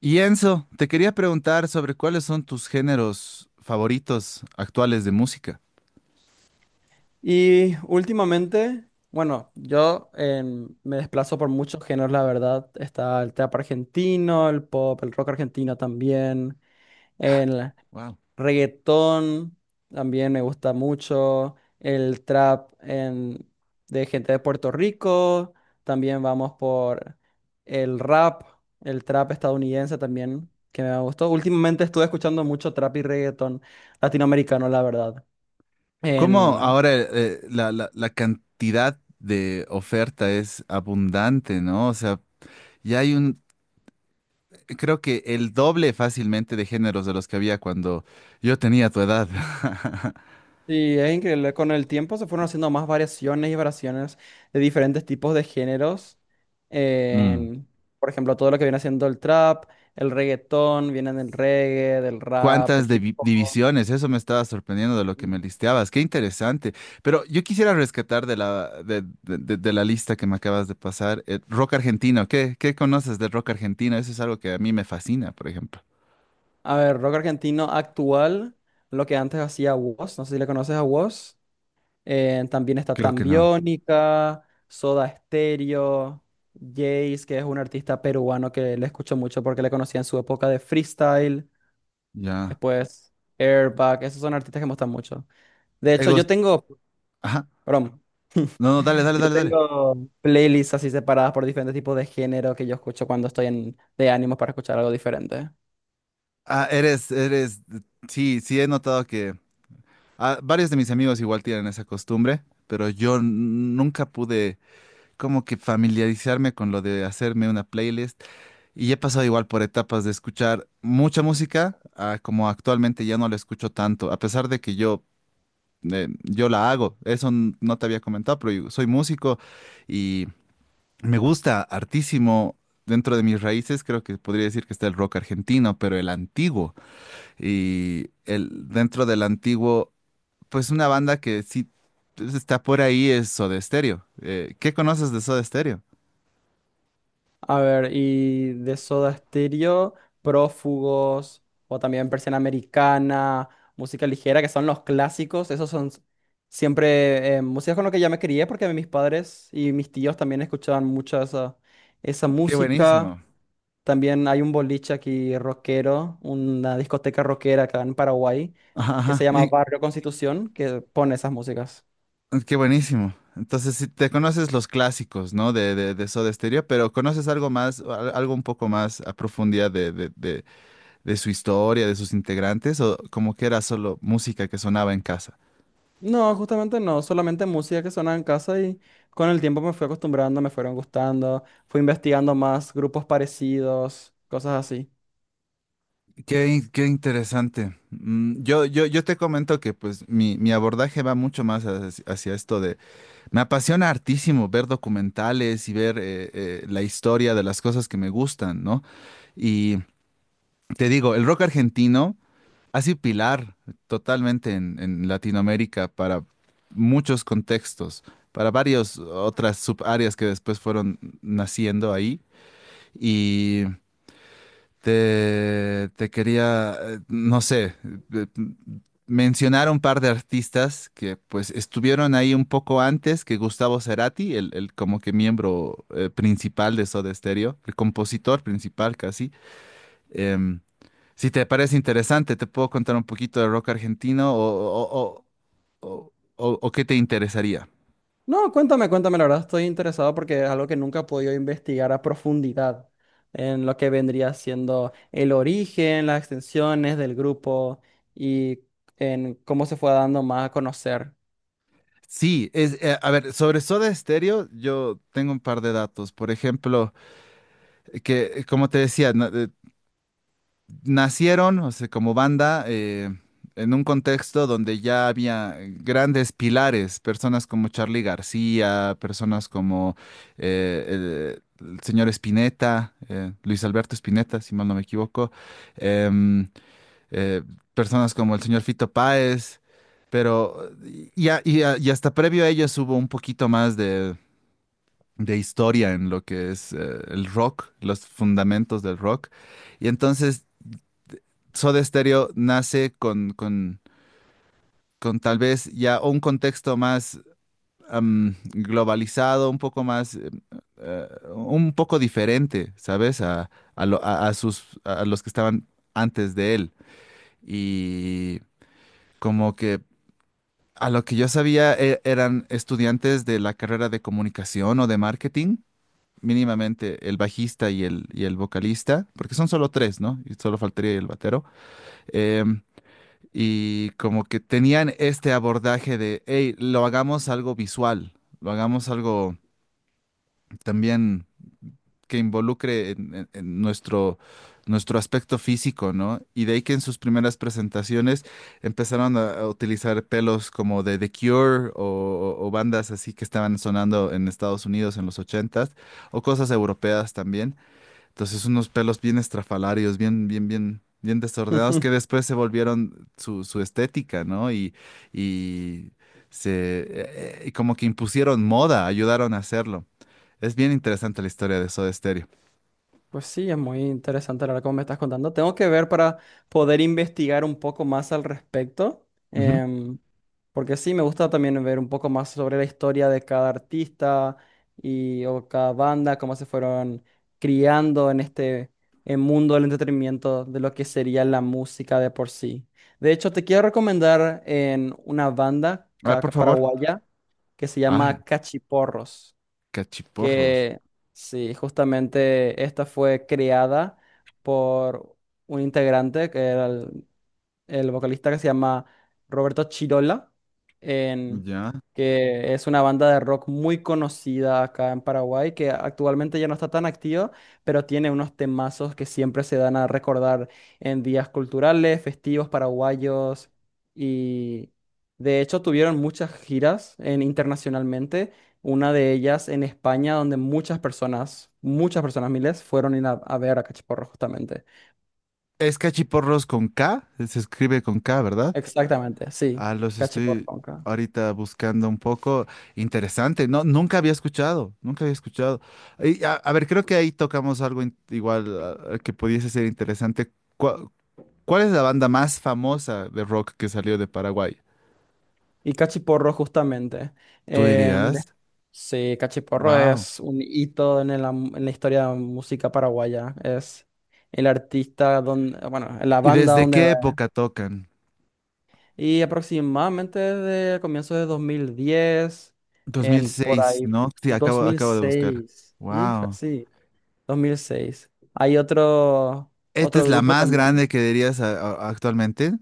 Y Enzo, te quería preguntar sobre cuáles son tus géneros favoritos actuales de música. Y últimamente, bueno, yo me desplazo por muchos géneros, la verdad. Está el trap argentino, el pop, el rock argentino también, el Wow. reggaetón también me gusta mucho, el trap en- de gente de Puerto Rico, también vamos por el rap, el trap estadounidense también, que me gustó. Últimamente estuve escuchando mucho trap y reggaetón latinoamericano, la verdad. ¿Cómo ahora la cantidad de oferta es abundante, ¿no? O sea, ya hay un, creo que el doble fácilmente de géneros de los que había cuando yo tenía tu edad. Sí, es increíble. Con el tiempo se fueron haciendo más variaciones y variaciones de diferentes tipos de géneros. Mm. En, por ejemplo, todo lo que viene haciendo el trap, el reggaetón, vienen del reggae, del rap, del hip hop. divisiones, eso me estaba sorprendiendo de lo que me Mm. listeabas, qué interesante. Pero yo quisiera rescatar de la lista que me acabas de pasar, el rock argentino. ¿Qué conoces del rock argentino? Eso es algo que a mí me fascina, por ejemplo. A ver, rock argentino actual, lo que antes hacía Wos, no sé si le conoces a Wos. También está Creo que no. Tambiónica, Soda Stereo, Jace, que es un artista peruano que le escucho mucho porque le conocí en su época de freestyle. Ya. Después, Airbag, esos son artistas que me gustan mucho. De ¿Te hecho, yo gust- tengo, Ajá. perdón, No, no, dale, dale, yo dale, dale. tengo playlists así separadas por diferentes tipos de género que yo escucho cuando de ánimo para escuchar algo diferente. Ah, eres. Sí, sí, he notado que varios de mis amigos igual tienen esa costumbre, pero yo nunca pude como que familiarizarme con lo de hacerme una playlist. Y he pasado igual por etapas de escuchar mucha música, a como actualmente ya no la escucho tanto, a pesar de que yo la hago. Eso no te había comentado, pero yo soy músico y me gusta hartísimo. Dentro de mis raíces creo que podría decir que está el rock argentino, pero el antiguo. Dentro del antiguo, pues una banda que sí pues, está por ahí es Soda Stereo. ¿Qué conoces de Soda Stereo? A ver, y de Soda Stereo, Prófugos, o también Persiana Americana, música ligera, que son los clásicos. Siempre músicas con lo que yo me crié, porque mis padres y mis tíos también escuchaban mucho esa Qué música. buenísimo. También hay un boliche aquí rockero, una discoteca rockera acá en Paraguay, Ajá, que se ajá. llama Barrio Constitución, que pone esas músicas. qué buenísimo. Entonces, si te conoces los clásicos, ¿no? De Soda Stereo, pero conoces algo más, algo un poco más a profundidad de su historia, de sus integrantes, o como que era solo música que sonaba en casa. No, justamente no, solamente música que sonaba en casa y con el tiempo me fui acostumbrando, me fueron gustando, fui investigando más grupos parecidos, cosas así. Qué interesante. Yo te comento que pues mi abordaje va mucho más hacia esto de. Me apasiona hartísimo ver documentales y ver la historia de las cosas que me gustan, ¿no? Y te digo, el rock argentino ha sido pilar totalmente en Latinoamérica para muchos contextos, para varias otras subáreas que después fueron naciendo ahí. Y te quería, no sé, eh, mencionar un par de artistas que pues estuvieron ahí un poco antes que Gustavo Cerati, el como que miembro principal de Soda Stereo, el compositor principal casi. Em, si te parece interesante, te puedo contar un poquito de rock argentino o, o qué te interesaría. No, cuéntame, cuéntame, la verdad estoy interesado porque es algo que nunca he podido investigar a profundidad en lo que vendría siendo el origen, las extensiones del grupo y en cómo se fue dando más a conocer. Sí, a ver, sobre Soda Stereo, yo tengo un par de datos. Por ejemplo, que como te decía, ¿no? Nacieron, o sea, como banda, en un contexto donde ya había grandes pilares, personas como Charly García, personas como el señor Spinetta, Luis Alberto Spinetta, si mal no me equivoco, em, eh, personas como el señor Fito Páez, pero y hasta previo a ellos hubo un poquito más de historia en lo que es el rock, los fundamentos del rock. Y entonces Soda Stereo nace con tal vez ya un contexto más globalizado, un poco más, eh, un poco diferente, ¿sabes? A lo- a sus, a los que estaban antes de él. Y como que a lo que yo sabía eran estudiantes de la carrera de comunicación o de marketing, mínimamente el bajista y el vocalista, porque son solo tres, ¿no? Y solo faltaría el batero. Em, Y como que tenían este abordaje de, hey, lo hagamos algo visual, lo hagamos algo también que involucre en nuestro aspecto físico, ¿no? Y de ahí que en sus primeras presentaciones empezaron a utilizar pelos como de The Cure o bandas así que estaban sonando en Estados Unidos en los 80s, o cosas europeas también. Entonces unos pelos bien estrafalarios, bien, bien, bien, bien desordenados que después se volvieron su estética, ¿no? Y se como que impusieron moda, ayudaron a hacerlo. Es bien interesante la historia de Soda Stereo. Pues sí, es muy interesante la verdad como me estás contando. Tengo que ver para poder investigar un poco más al respecto, Ujú. Porque sí, me gusta también ver un poco más sobre la historia de cada artista y o cada banda, cómo se fueron criando en este mundo del entretenimiento de lo que sería la música de por sí. De hecho, te quiero recomendar en una banda A ver, por favor. paraguaya que se Ah, llama Cachiporros, cachiporros. que sí, justamente esta fue creada por un integrante que era el vocalista que se llama Roberto Chirola, en- Ya. que es una banda de rock muy conocida acá en Paraguay, que actualmente ya no está tan activa, pero tiene unos temazos que siempre se dan a recordar en días culturales, festivos paraguayos, y de hecho tuvieron muchas giras internacionalmente. Una de ellas en España, donde muchas personas, miles, fueron a ver a Cachiporro justamente. Es cachiporros con K, se escribe con K, ¿verdad? Exactamente, sí, Ah, los Cachiporro. estoy Conca. ahorita buscando un poco. Interesante, no, nunca había escuchado, nunca había escuchado. Y, a ver, creo que ahí tocamos algo igual que pudiese ser interesante. ¿Cuál es la banda más famosa de rock que salió de Paraguay? Y Cachiporro, justamente. ¿Tú Eh, de- dirías? sí, Cachiporro Wow. es un hito en en la historia de la música paraguaya. Es el artista donde, bueno, la ¿Y banda desde donde qué va. época tocan? Y aproximadamente desde comienzos de 2010, Dos mil en por seis, ahí ¿no? Sí, dos acabo, mil acabo de buscar. seis hija, Wow. sí, 2006. Hay otro, ¿Esta otro es la grupo más también. grande que dirías actualmente?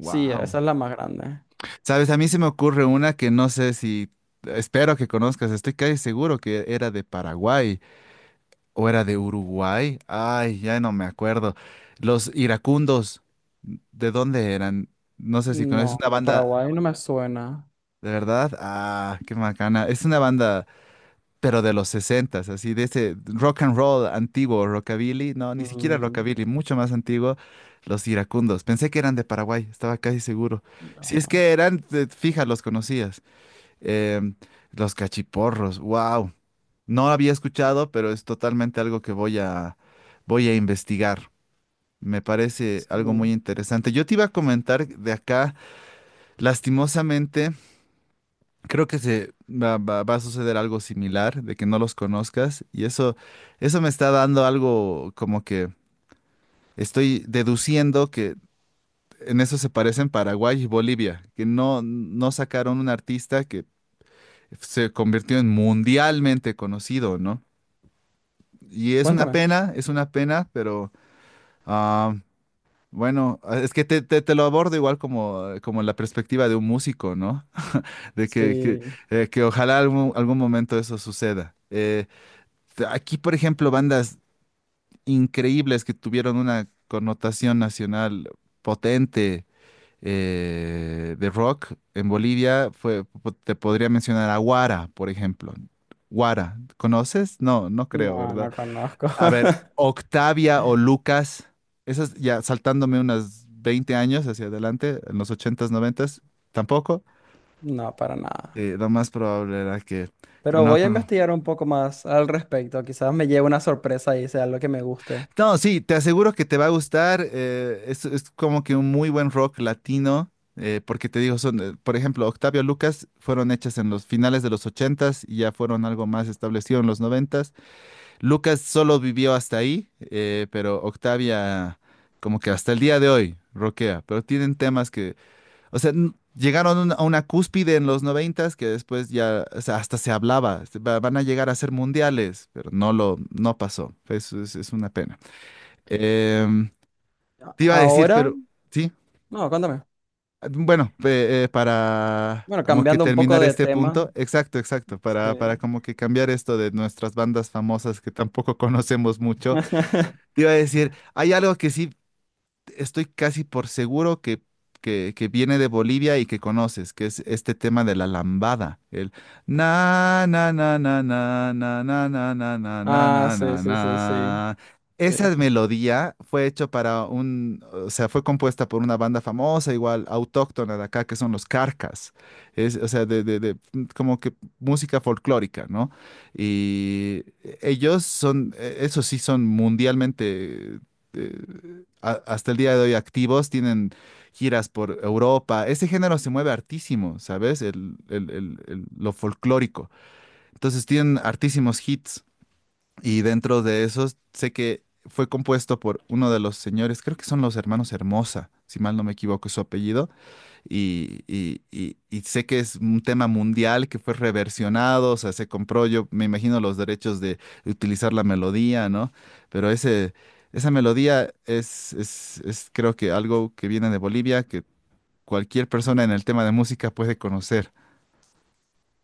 Sí, esa es la más grande. Sabes, a mí se me ocurre una que no sé si, espero que conozcas, estoy casi seguro que era de Paraguay o era de Uruguay. Ay, ya no me acuerdo. Los iracundos, ¿de dónde eran? No sé si conoces No, una no, banda, Paraguay no me suena. ¿de verdad? Ah, qué macana. Es una banda, pero de los 60s, así, de ese rock and roll antiguo, rockabilly. No, ni siquiera Mm, rockabilly, mucho más antiguo, los iracundos. Pensé que eran de Paraguay, estaba casi seguro. Si es no. que eran, fija, los conocías. Em, los cachiporros, wow. No había escuchado, pero es totalmente algo que voy a investigar. Me parece algo Sí. muy interesante. Yo te iba a comentar de acá, lastimosamente, creo que se va a suceder algo similar, de que no los conozcas, y eso me está dando algo como que estoy deduciendo que en eso se parecen Paraguay y Bolivia, que no sacaron un artista que se convirtió en mundialmente conocido, ¿no? Y Cuéntame. Es una pena, pero ah, bueno, es que te lo abordo igual como la perspectiva de un músico, ¿no? De que, que, Sí, eh, que ojalá algún momento eso suceda. Aquí, por ejemplo, bandas increíbles que tuvieron una connotación nacional potente de rock en Bolivia, te podría mencionar a Guara, por ejemplo. Guara, ¿conoces? No, no creo, no, ¿verdad? no conozco. A ver, Octavia o Lucas, esas ya saltándome unas 20 años hacia adelante, en los 80s 90s, tampoco. No, para nada. Lo más probable era que Pero no. voy a investigar un poco más al respecto. Quizás me lleve una sorpresa y sea lo que me guste. No, sí, te aseguro que te va a gustar. Es, como que un muy buen rock latino, porque te digo, por ejemplo, Octavio Lucas fueron hechas en los finales de los 80s y ya fueron algo más establecido en los 90s. Lucas solo vivió hasta ahí, pero Octavia como que hasta el día de hoy roquea, pero tienen temas que, o sea, llegaron a una cúspide en los 90s que después ya, o sea, hasta se hablaba, van a llegar a ser mundiales, pero no pasó, eso es una pena. Em, Te iba a decir, Ahora, pero, sí, no, cuéntame. bueno, para. Bueno, Como que cambiando un poco terminar de este tema. punto, exacto, exacto, Sí. para como que cambiar esto de nuestras bandas famosas que tampoco conocemos mucho. Te iba a decir, hay algo que sí estoy casi por seguro que viene de Bolivia y que conoces, que es este tema de la lambada. El na na na na na na na na na na na Ah, na sí, na sí, sí, sí, na. sí. Esa melodía fue hecho o sea, fue compuesta por una banda famosa, igual autóctona de acá, que son los Carcas. Es, o sea, como que música folclórica, ¿no? Y ellos son, eso sí, son mundialmente eh, hasta el día de hoy activos, tienen giras por Europa. Ese género se mueve hartísimo, ¿sabes? Lo folclórico. Entonces tienen hartísimos hits y dentro de esos sé que fue compuesto por uno de los señores, creo que son los hermanos Hermosa, si mal no me equivoco es su apellido y sé que es un tema mundial que fue reversionado, o sea, se compró, yo me imagino los derechos de utilizar la melodía, ¿no? Pero esa melodía es creo que algo que viene de Bolivia, que cualquier persona en el tema de música puede conocer.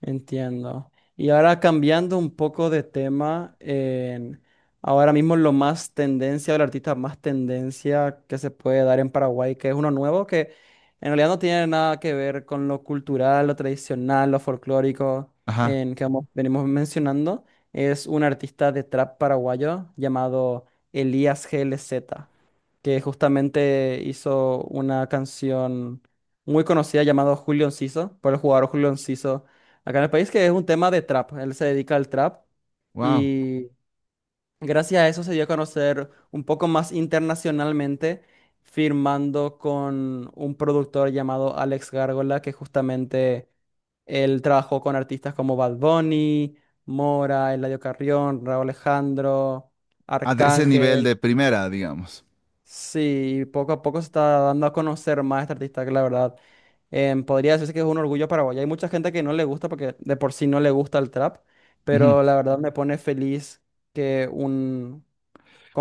Entiendo. Y ahora cambiando un poco de tema, ahora mismo lo más tendencia, el artista más tendencia que se puede dar en Paraguay, que es uno nuevo, que en realidad no tiene nada que ver con lo cultural, lo tradicional, lo folclórico Ajá, en que venimos mencionando, es un artista de trap paraguayo llamado Elías GLZ, que justamente hizo una canción muy conocida llamada Julio Enciso, por el jugador Julio Enciso acá en el país, que es un tema de trap. Él se dedica al trap wow. y gracias a eso se dio a conocer un poco más internacionalmente, firmando con un productor llamado Alex Gárgola, que justamente él trabajó con artistas como Bad Bunny, Mora, Eladio Carrión, Raúl Alejandro, A de ese nivel Arcángel. de primera, digamos. Sí, poco a poco se está dando a conocer más este artista, que la verdad podría decirse que es un orgullo paraguayo. Hay mucha gente que no le gusta porque de por sí no le gusta el trap, Ujú. pero la verdad me pone feliz que un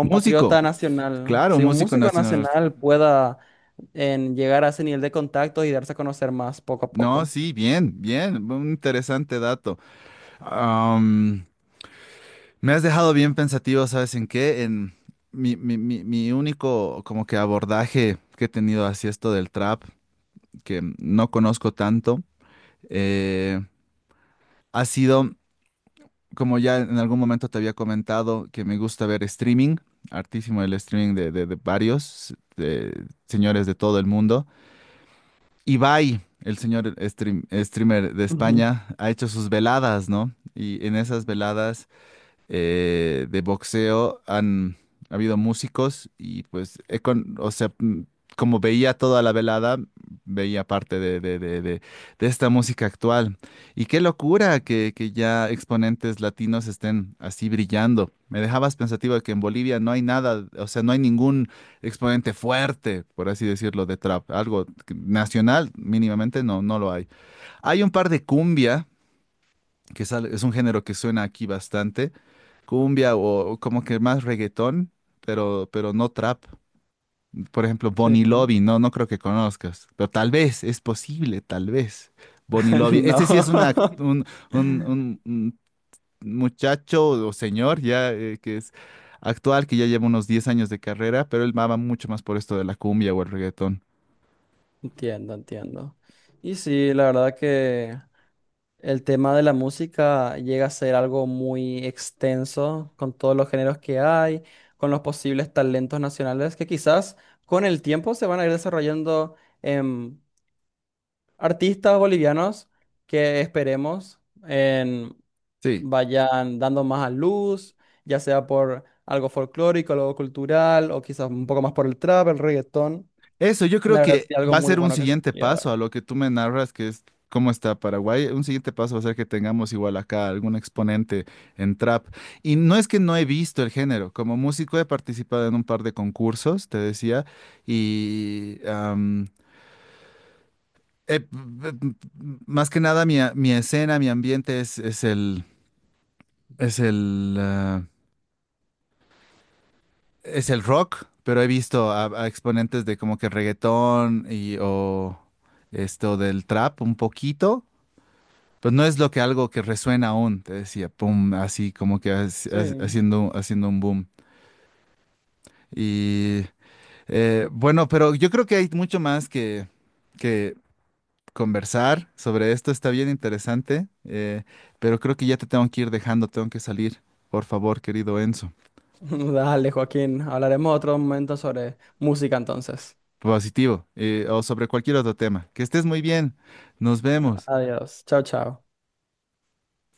Músico, nacional, claro, si un músico músico nacional. nacional pueda llegar a ese nivel de contacto y darse a conocer más poco a No, poco. sí, bien, bien, un interesante dato. Me has dejado bien pensativo, ¿sabes en qué? En mi único como que abordaje que he tenido hacia esto del trap, que no conozco tanto, eh, ha sido, como ya en algún momento te había comentado, que me gusta ver streaming, hartísimo el streaming de varios de señores de todo el mundo. Ibai, el señor streamer de Ujú, España, ha hecho sus veladas, ¿no? Y en esas veladas de boxeo han habido músicos y pues, o sea, como veía toda la velada, veía parte de esta música actual. Y qué locura que ya exponentes latinos estén así brillando. Me dejabas pensativo de que en Bolivia no hay nada, o sea, no hay ningún exponente fuerte, por así decirlo, de trap. Algo nacional, mínimamente, no lo hay. Hay un par de cumbia, que es un género que suena aquí bastante cumbia o como que más reggaetón, pero, no trap. Por ejemplo, sí. Bonnie Lobby, no creo que conozcas, pero tal vez, es posible, tal vez. Bonnie Lobby, No. este sí es una, act- un muchacho o señor ya que es actual, que ya lleva unos 10 años de carrera, pero él va mucho más por esto de la cumbia o el reggaetón. Entiendo, entiendo. Y sí, la verdad que el tema de la música llega a ser algo muy extenso con todos los géneros que hay, con los posibles talentos nacionales que quizás con el tiempo se van a ir desarrollando en artistas bolivianos que esperemos en- Sí, vayan dando más a luz, ya sea por algo folclórico, algo cultural o quizás un poco más por el trap, el reggaetón. eso, yo creo La verdad que es algo va a muy ser un bueno que se siguiente podría paso dar. a lo que tú me narras, que es cómo está Paraguay. Un siguiente paso va a ser que tengamos igual acá algún exponente en trap. Y no es que no he visto el género, como músico he participado en un par de concursos, te decía, y am, p- p- p- más que nada mi escena, mi ambiente es el, ah, es el rock, pero he visto a exponentes de como que reggaetón y o esto del trap un poquito. Pues no es lo que algo que resuena aún, te decía, pum, así como que haci- haci- Sí. haciendo, haciendo un boom. Y bueno, pero yo creo que hay mucho más que conversar sobre esto, está bien interesante, pero creo que ya te tengo que ir dejando, tengo que salir, por favor, querido Enzo. Dale, Joaquín. Hablaremos otro momento sobre música entonces. Positivo, o sobre cualquier otro tema. Que estés muy bien, nos vemos. Adiós. Chao, chao.